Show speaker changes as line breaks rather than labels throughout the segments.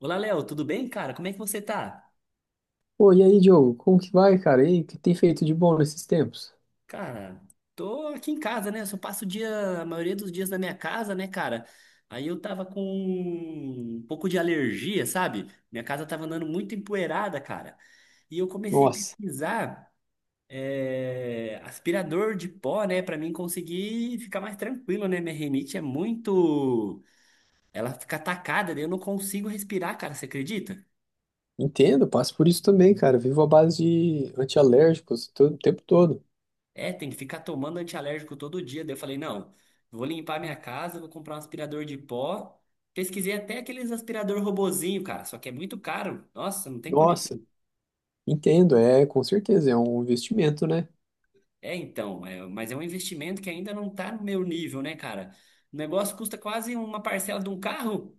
Olá, Léo, tudo bem, cara? Como é que você tá?
Pô, e aí, Diogo, como que vai, cara? E aí, o que tem feito de bom nesses tempos?
Cara, tô aqui em casa, né? Eu só passo o dia, a maioria dos dias na minha casa, né, cara? Aí eu tava com um pouco de alergia, sabe? Minha casa tava andando muito empoeirada, cara. E eu comecei a
Nossa,
pesquisar aspirador de pó, né? Pra mim conseguir ficar mais tranquilo, né? Minha rinite é muito. Ela fica atacada, daí eu não consigo respirar, cara, você acredita?
entendo, passo por isso também, cara. Vivo à base de antialérgicos todo, o tempo todo.
É, tem que ficar tomando antialérgico todo dia. Daí eu falei, não, vou limpar minha casa, vou comprar um aspirador de pó. Pesquisei até aqueles aspirador robozinho, cara, só que é muito caro. Nossa, não tem
Nossa,
condição.
entendo, é, com certeza, é um investimento, né?
É, então, mas é um investimento que ainda não tá no meu nível, né, cara? O negócio custa quase uma parcela de um carro.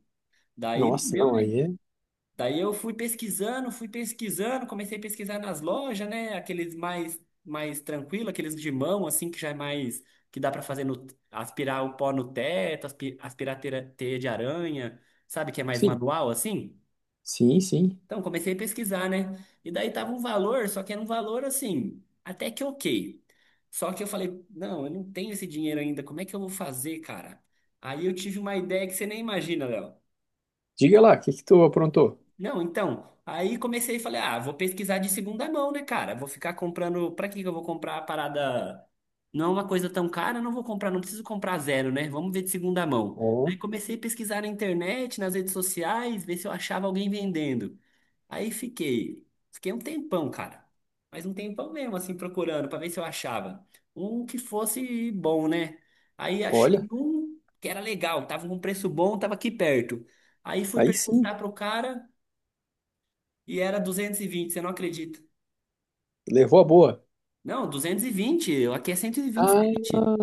Daí não
Nossa,
deu,
não,
né?
aí é...
Daí eu fui pesquisando, comecei a pesquisar nas lojas, né? Aqueles mais tranquilo, aqueles de mão assim que já é mais que dá pra fazer no aspirar o pó no teto, aspirar teia de aranha, sabe que é mais
Sim,
manual assim?
sim, sim.
Então comecei a pesquisar, né? E daí tava um valor, só que era um valor assim, até que ok. Só que eu falei, não, eu não tenho esse dinheiro ainda, como é que eu vou fazer, cara? Aí eu tive uma ideia que você nem imagina, Léo.
Diga lá, o que que tu aprontou?
Não, então, aí comecei e falei, ah, vou pesquisar de segunda mão, né, cara? Vou ficar comprando, pra que que eu vou comprar a parada? Não é uma coisa tão cara, não vou comprar, não preciso comprar zero, né? Vamos ver de segunda mão.
Ó,
Aí comecei a pesquisar na internet, nas redes sociais, ver se eu achava alguém vendendo. Aí fiquei um tempão, cara. Mas um tempão mesmo, assim, procurando pra ver se eu achava um que fosse bom, né? Aí
olha,
achei um que era legal, tava com preço bom, tava aqui perto. Aí fui
aí sim,
perguntar pro cara, e era 220, você não acredita.
levou a boa.
Não, 220. Aqui é cento e vinte e
Ah,
sete.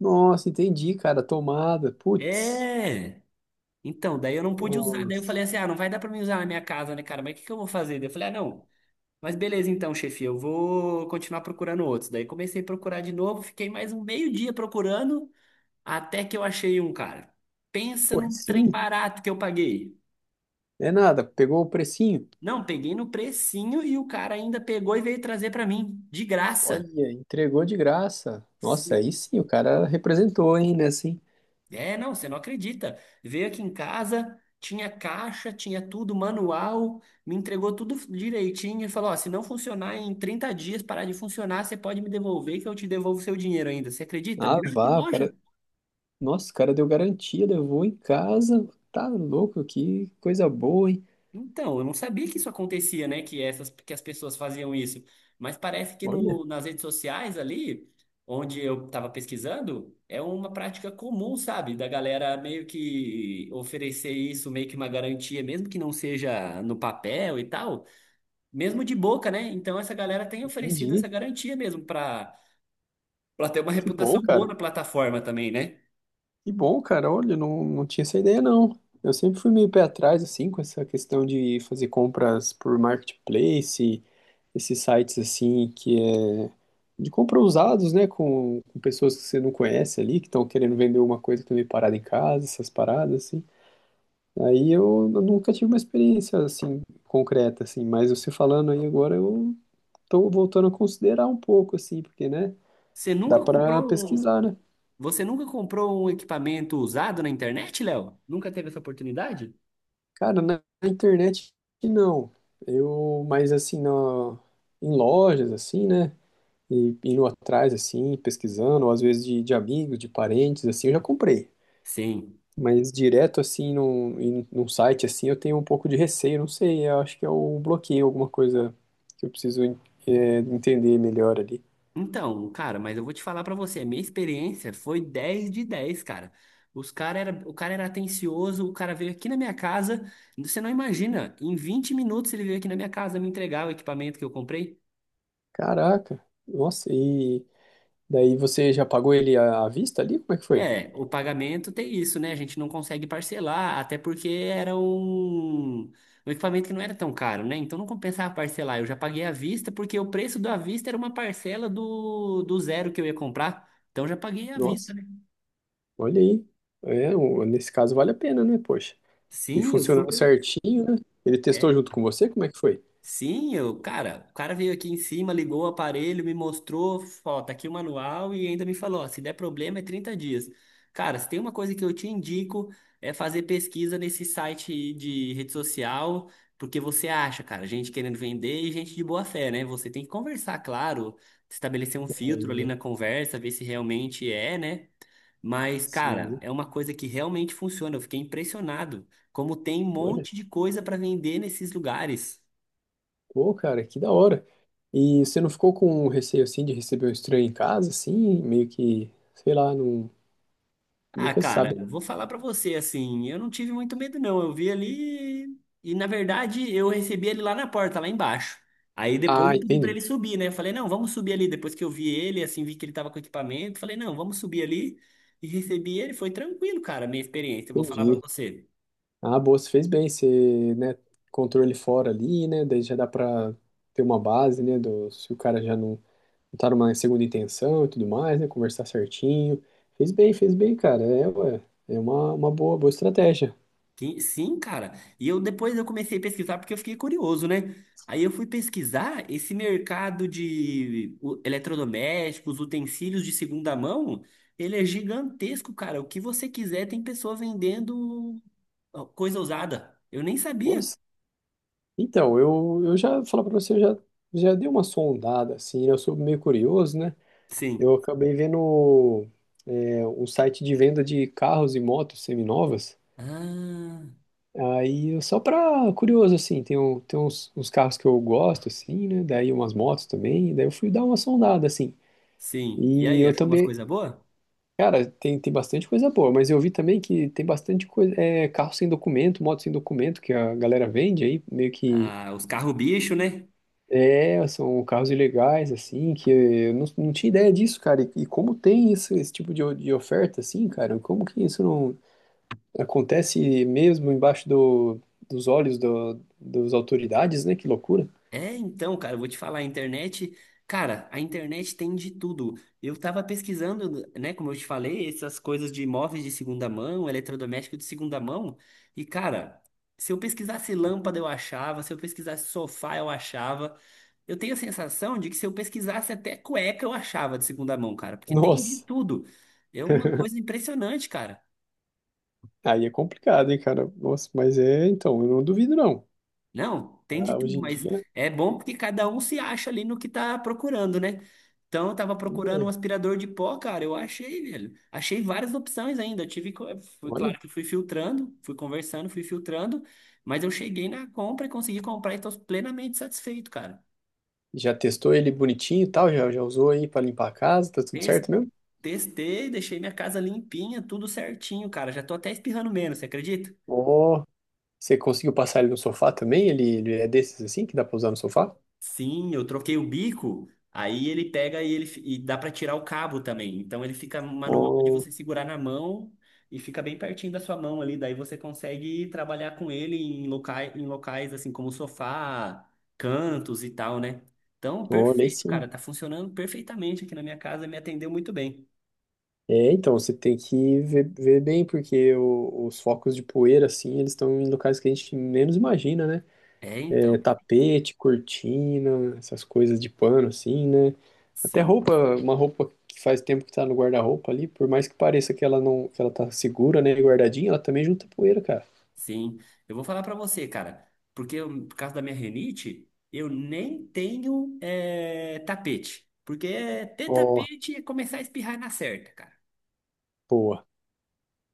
nossa, entendi, cara, tomada, putz.
É. Então, daí eu não pude usar. Daí eu
Nossa,
falei assim: ah, não vai dar pra mim usar na minha casa, né, cara? Mas o que que eu vou fazer? Daí eu falei: ah, não. Mas beleza, então, chefe, eu vou continuar procurando outros. Daí comecei a procurar de novo, fiquei mais um meio dia procurando, até que eu achei um, cara. Pensa
pô, aí
num trem
sim,
barato que eu paguei.
é nada, pegou o precinho.
Não, peguei no precinho e o cara ainda pegou e veio trazer pra mim, de graça.
Olha, entregou de graça. Nossa, aí sim, o cara representou, hein, né, assim.
É, não, você não acredita. Veio aqui em casa, tinha caixa, tinha tudo, manual, me entregou tudo direitinho e falou: ó, se não funcionar em 30 dias, parar de funcionar, você pode me devolver que eu te devolvo seu dinheiro ainda. Você acredita?
Ah,
Melhor que
vá, o cara...
loja.
Nossa, o cara deu garantia, levou em casa. Tá louco, que coisa boa, hein.
Então, eu não sabia que isso acontecia, né? Que essas, que as pessoas faziam isso. Mas parece que
Olha,
no, nas redes sociais ali, onde eu estava pesquisando, é uma prática comum, sabe? Da galera meio que oferecer isso, meio que uma garantia, mesmo que não seja no papel e tal, mesmo de boca, né? Então essa galera tem oferecido
entendi.
essa garantia mesmo para ter uma
Que
reputação
bom,
boa
cara.
na plataforma também, né?
Que bom, cara. Olha, não, não tinha essa ideia, não. Eu sempre fui meio pé atrás, assim, com essa questão de fazer compras por marketplace, esses sites assim que é de compra usados, né, com, pessoas que você não conhece ali, que estão querendo vender uma coisa que tá meio parada em casa, essas paradas assim. Aí eu, nunca tive uma experiência assim concreta assim, mas você falando aí agora eu tô voltando a considerar um pouco assim, porque né,
Você
dá
nunca
para
comprou um,
pesquisar, né?
você nunca comprou um equipamento usado na internet, Léo? Nunca teve essa oportunidade?
Cara, na internet não. Eu, mas assim, na, em lojas assim, né? E indo atrás, assim, pesquisando, ou às vezes de, amigos, de parentes, assim, eu já comprei.
Sim.
Mas direto, assim, num, em- num site, assim, eu tenho um pouco de receio, não sei, eu acho que é o bloqueio, alguma coisa que eu preciso entender melhor ali.
Então, cara, mas eu vou te falar pra você, a minha experiência foi 10 de 10 cara. O cara era atencioso, o cara veio aqui na minha casa, você não imagina, em 20 minutos ele veio aqui na minha casa me entregar o equipamento que eu comprei.
Caraca, nossa, e daí você já pagou ele à vista ali? Como é que foi?
É, o pagamento tem isso, né? A gente não consegue parcelar, até porque era um equipamento que não era tão caro, né? Então não compensava parcelar. Eu já paguei à vista, porque o preço do à vista era uma parcela do zero que eu ia comprar. Então já paguei à vista,
Nossa,
né?
olha aí. É, o- nesse caso vale a pena, né, poxa? E
Sim, eu
funcionando
super
certinho, né? Ele testou
É?
junto com você? Como é que foi?
Sim, cara, o cara veio aqui em cima, ligou o aparelho, me mostrou, ó, tá aqui o manual e ainda me falou, ó, se der problema é 30 dias. Cara, se tem uma coisa que eu te indico é fazer pesquisa nesse site de rede social, porque você acha, cara, gente querendo vender e gente de boa fé, né? Você tem que conversar, claro, estabelecer um filtro ali na conversa, ver se realmente é, né? Mas, cara,
Sim,
é uma coisa que realmente funciona. Eu fiquei impressionado como tem um
olha.
monte de coisa para vender nesses lugares.
Pô, cara, que da hora. E você não ficou com um receio assim de receber um estranho em casa, assim, meio que, sei lá, não,
Ah,
nunca se
cara,
sabe.
vou falar pra você assim, eu não tive muito medo não. Eu vi ali e na verdade eu recebi ele lá na porta, lá embaixo. Aí depois
Ah,
eu pedi pra
entendi,
ele subir, né? Eu falei: "Não, vamos subir ali". Depois que eu vi ele, assim, vi que ele tava com equipamento, falei: "Não, vamos subir ali". E recebi ele, foi tranquilo, cara, a minha experiência, eu vou falar pra
entendi.
você.
Ah, boa, você fez bem, você, né, controle ele fora ali, né, daí já dá pra ter uma base, né, do, se o cara já não, não tá numa segunda intenção e tudo mais, né, conversar certinho. Fez bem, cara, é, ué, é uma, boa, boa estratégia.
Sim, cara. E eu depois eu comecei a pesquisar porque eu fiquei curioso, né? Aí eu fui pesquisar esse mercado de eletrodomésticos, utensílios de segunda mão, ele é gigantesco, cara. O que você quiser, tem pessoa vendendo ó, coisa usada. Eu nem sabia.
Nossa. Então, eu, já, falar pra você, eu já, já dei uma sondada, assim, né, eu sou meio curioso, né. Eu
Sim.
acabei vendo é, um site de venda de carros e motos seminovas.
Ah,
Aí, eu- só pra curioso, assim, tem, um, tem uns, carros que eu gosto, assim, né? Daí umas motos também. Daí eu fui dar uma sondada, assim.
sim. E
E
aí,
eu
achou umas
também,
coisas boas?
cara, tem, bastante coisa boa, mas eu vi também que tem bastante coisa, é, carro sem documento, moto sem documento que a galera vende aí, meio que
Ah, os carros bicho, né?
é, são carros ilegais, assim, que eu não, tinha ideia disso, cara. E, como tem isso, esse tipo de, o- de oferta, assim, cara? Como que isso não acontece mesmo embaixo do, dos olhos do, das autoridades, né? Que loucura.
É, então, cara, eu vou te falar, a internet, cara, a internet tem de tudo. Eu tava pesquisando, né, como eu te falei, essas coisas de imóveis de segunda mão, eletrodoméstico de segunda mão, e cara, se eu pesquisasse lâmpada eu achava, se eu pesquisasse sofá eu achava. Eu tenho a sensação de que se eu pesquisasse até cueca eu achava de segunda mão, cara, porque tem de
Nossa,
tudo. É uma coisa impressionante, cara.
aí é complicado, hein, cara? Nossa, mas é, então, eu não duvido, não.
Não, tem de
Ah, hoje
tudo,
em
mas
dia,
é bom porque cada um se acha ali no que tá procurando, né? Então eu tava
tem
procurando um
ideia.
aspirador de pó, cara, eu achei, velho. Achei várias opções ainda. Fui
Olha,
claro que fui filtrando, fui conversando, fui filtrando, mas eu cheguei na compra e consegui comprar e tô plenamente satisfeito, cara.
já testou ele bonitinho e tal, já, já usou aí pra limpar a casa, tá tudo
Tes-
certo mesmo?
Testei, deixei minha casa limpinha, tudo certinho, cara. Já tô até espirrando menos, você acredita?
Ó, você conseguiu passar ele no sofá também? Ele, é desses, assim, que dá pra usar no sofá?
Sim, eu troquei o bico, aí ele pega e dá para tirar o cabo também. Então ele fica manual de
Oh,
você segurar na mão e fica bem pertinho da sua mão ali, daí você consegue trabalhar com ele em locais assim como sofá, cantos e tal, né? Então,
olhei
perfeito,
sim.
cara, tá funcionando perfeitamente aqui na minha casa, me atendeu muito bem.
É, então, você tem que ver, ver bem, porque o- os focos de poeira, assim, eles estão em locais que a gente menos imagina, né?
É,
É,
então.
tapete, cortina, essas coisas de pano, assim, né? Até
Sim.
roupa, uma roupa que faz tempo que tá no guarda-roupa ali, por mais que pareça que ela não, que ela tá segura, né, e guardadinha, ela também junta poeira, cara.
Sim, eu vou falar pra você, cara, porque por causa da minha rinite, eu nem tenho tapete, porque ter
Ó,
tapete é começar a espirrar na certa, cara,
boa.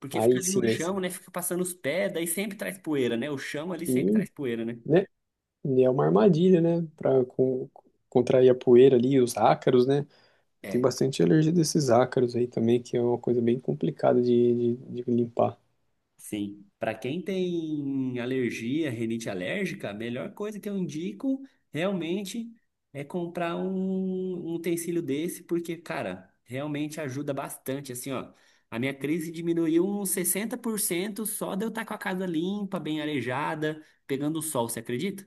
porque fica
Aí
ali no
sim, aí sim.
chão, né, fica passando os pés, daí sempre traz poeira, né, o chão ali sempre
Sim,
traz poeira, né,
né? E é uma armadilha, né? Pra con- contrair a poeira ali, os ácaros, né? Tem
é,
bastante alergia desses ácaros aí também, que é uma coisa bem complicada de, de limpar.
Sim, para quem tem alergia, rinite alérgica, a melhor coisa que eu indico realmente é comprar um utensílio desse, porque, cara, realmente ajuda bastante. Assim, ó, a minha crise diminuiu uns 60% só de eu estar com a casa limpa, bem arejada, pegando o sol, você acredita?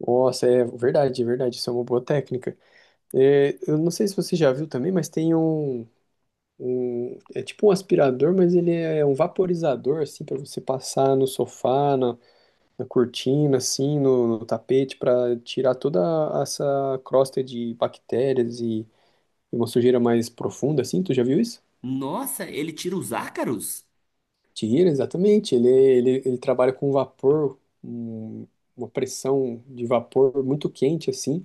Nossa, é verdade, é verdade. Isso é uma boa técnica. É, eu não sei se você já viu também, mas tem um, um- é tipo um aspirador, mas ele é um vaporizador, assim, para você passar no sofá, na, cortina, assim, no, tapete, para tirar toda essa crosta de bactérias e, uma sujeira mais profunda, assim. Tu já viu isso?
Nossa, ele tira os ácaros?
Tira, exatamente. Ele, trabalha com vapor, um- uma pressão de vapor muito quente, assim.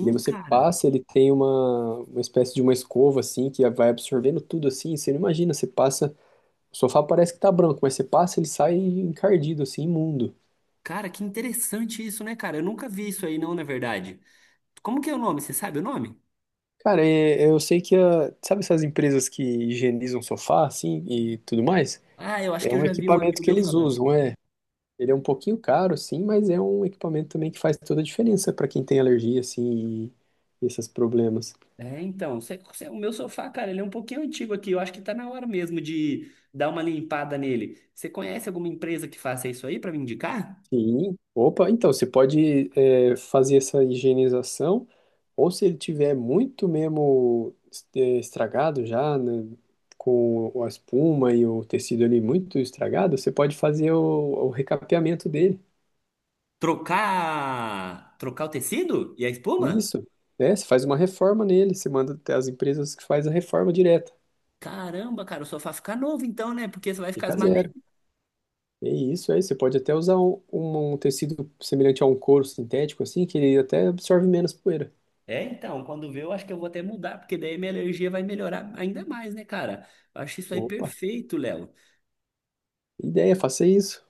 E daí você
cara.
passa, ele tem uma, espécie de uma escova, assim, que vai absorvendo tudo, assim. Você não imagina, você passa... O sofá parece que tá branco, mas você passa, ele sai encardido, assim, imundo.
Cara, que interessante isso, né, cara? Eu nunca vi isso aí, não, na verdade. Como que é o nome? Você sabe o nome?
Cara, eu sei que... a- sabe essas empresas que higienizam sofá, assim, e tudo mais?
Ah, eu acho
É
que eu
um
já vi um
equipamento
amigo
que
meu
eles
falando.
usam, é. Ele é um pouquinho caro, sim, mas é um equipamento também que faz toda a diferença para quem tem alergia, assim, e esses problemas.
É, então, o meu sofá, cara, ele é um pouquinho antigo aqui. Eu acho que tá na hora mesmo de dar uma limpada nele. Você conhece alguma empresa que faça isso aí pra me indicar?
Sim, opa, então você pode é, fazer essa higienização, ou se ele tiver muito mesmo é, estragado já, né, com a espuma e o tecido ali muito estragado, você pode fazer o, recapeamento dele.
Trocar o tecido e a espuma?
Isso, né? Você faz uma reforma nele, você manda até as empresas que faz a reforma direta.
Caramba, cara, o sofá fica novo então, né? Porque você vai ficar as
Fica
madeiras.
zero. É isso aí, você pode até usar um, um tecido semelhante a um couro sintético, assim, que ele até absorve menos poeira.
É, então, quando vê, eu acho que eu vou até mudar, porque daí minha alergia vai melhorar ainda mais, né, cara? Eu acho isso aí
Opa,
perfeito, Léo.
ideia, faça isso.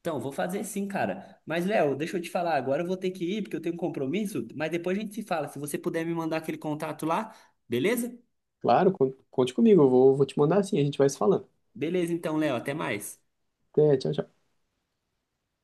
Então, vou fazer sim, cara. Mas, Léo, deixa eu te falar, agora eu vou ter que ir, porque eu tenho um compromisso, mas depois a gente se fala. Se você puder me mandar aquele contato lá, beleza?
Claro, con- conte comigo, eu vou, te mandar assim, a gente vai se falando.
Beleza, então, Léo, até mais.
Até, tchau, tchau.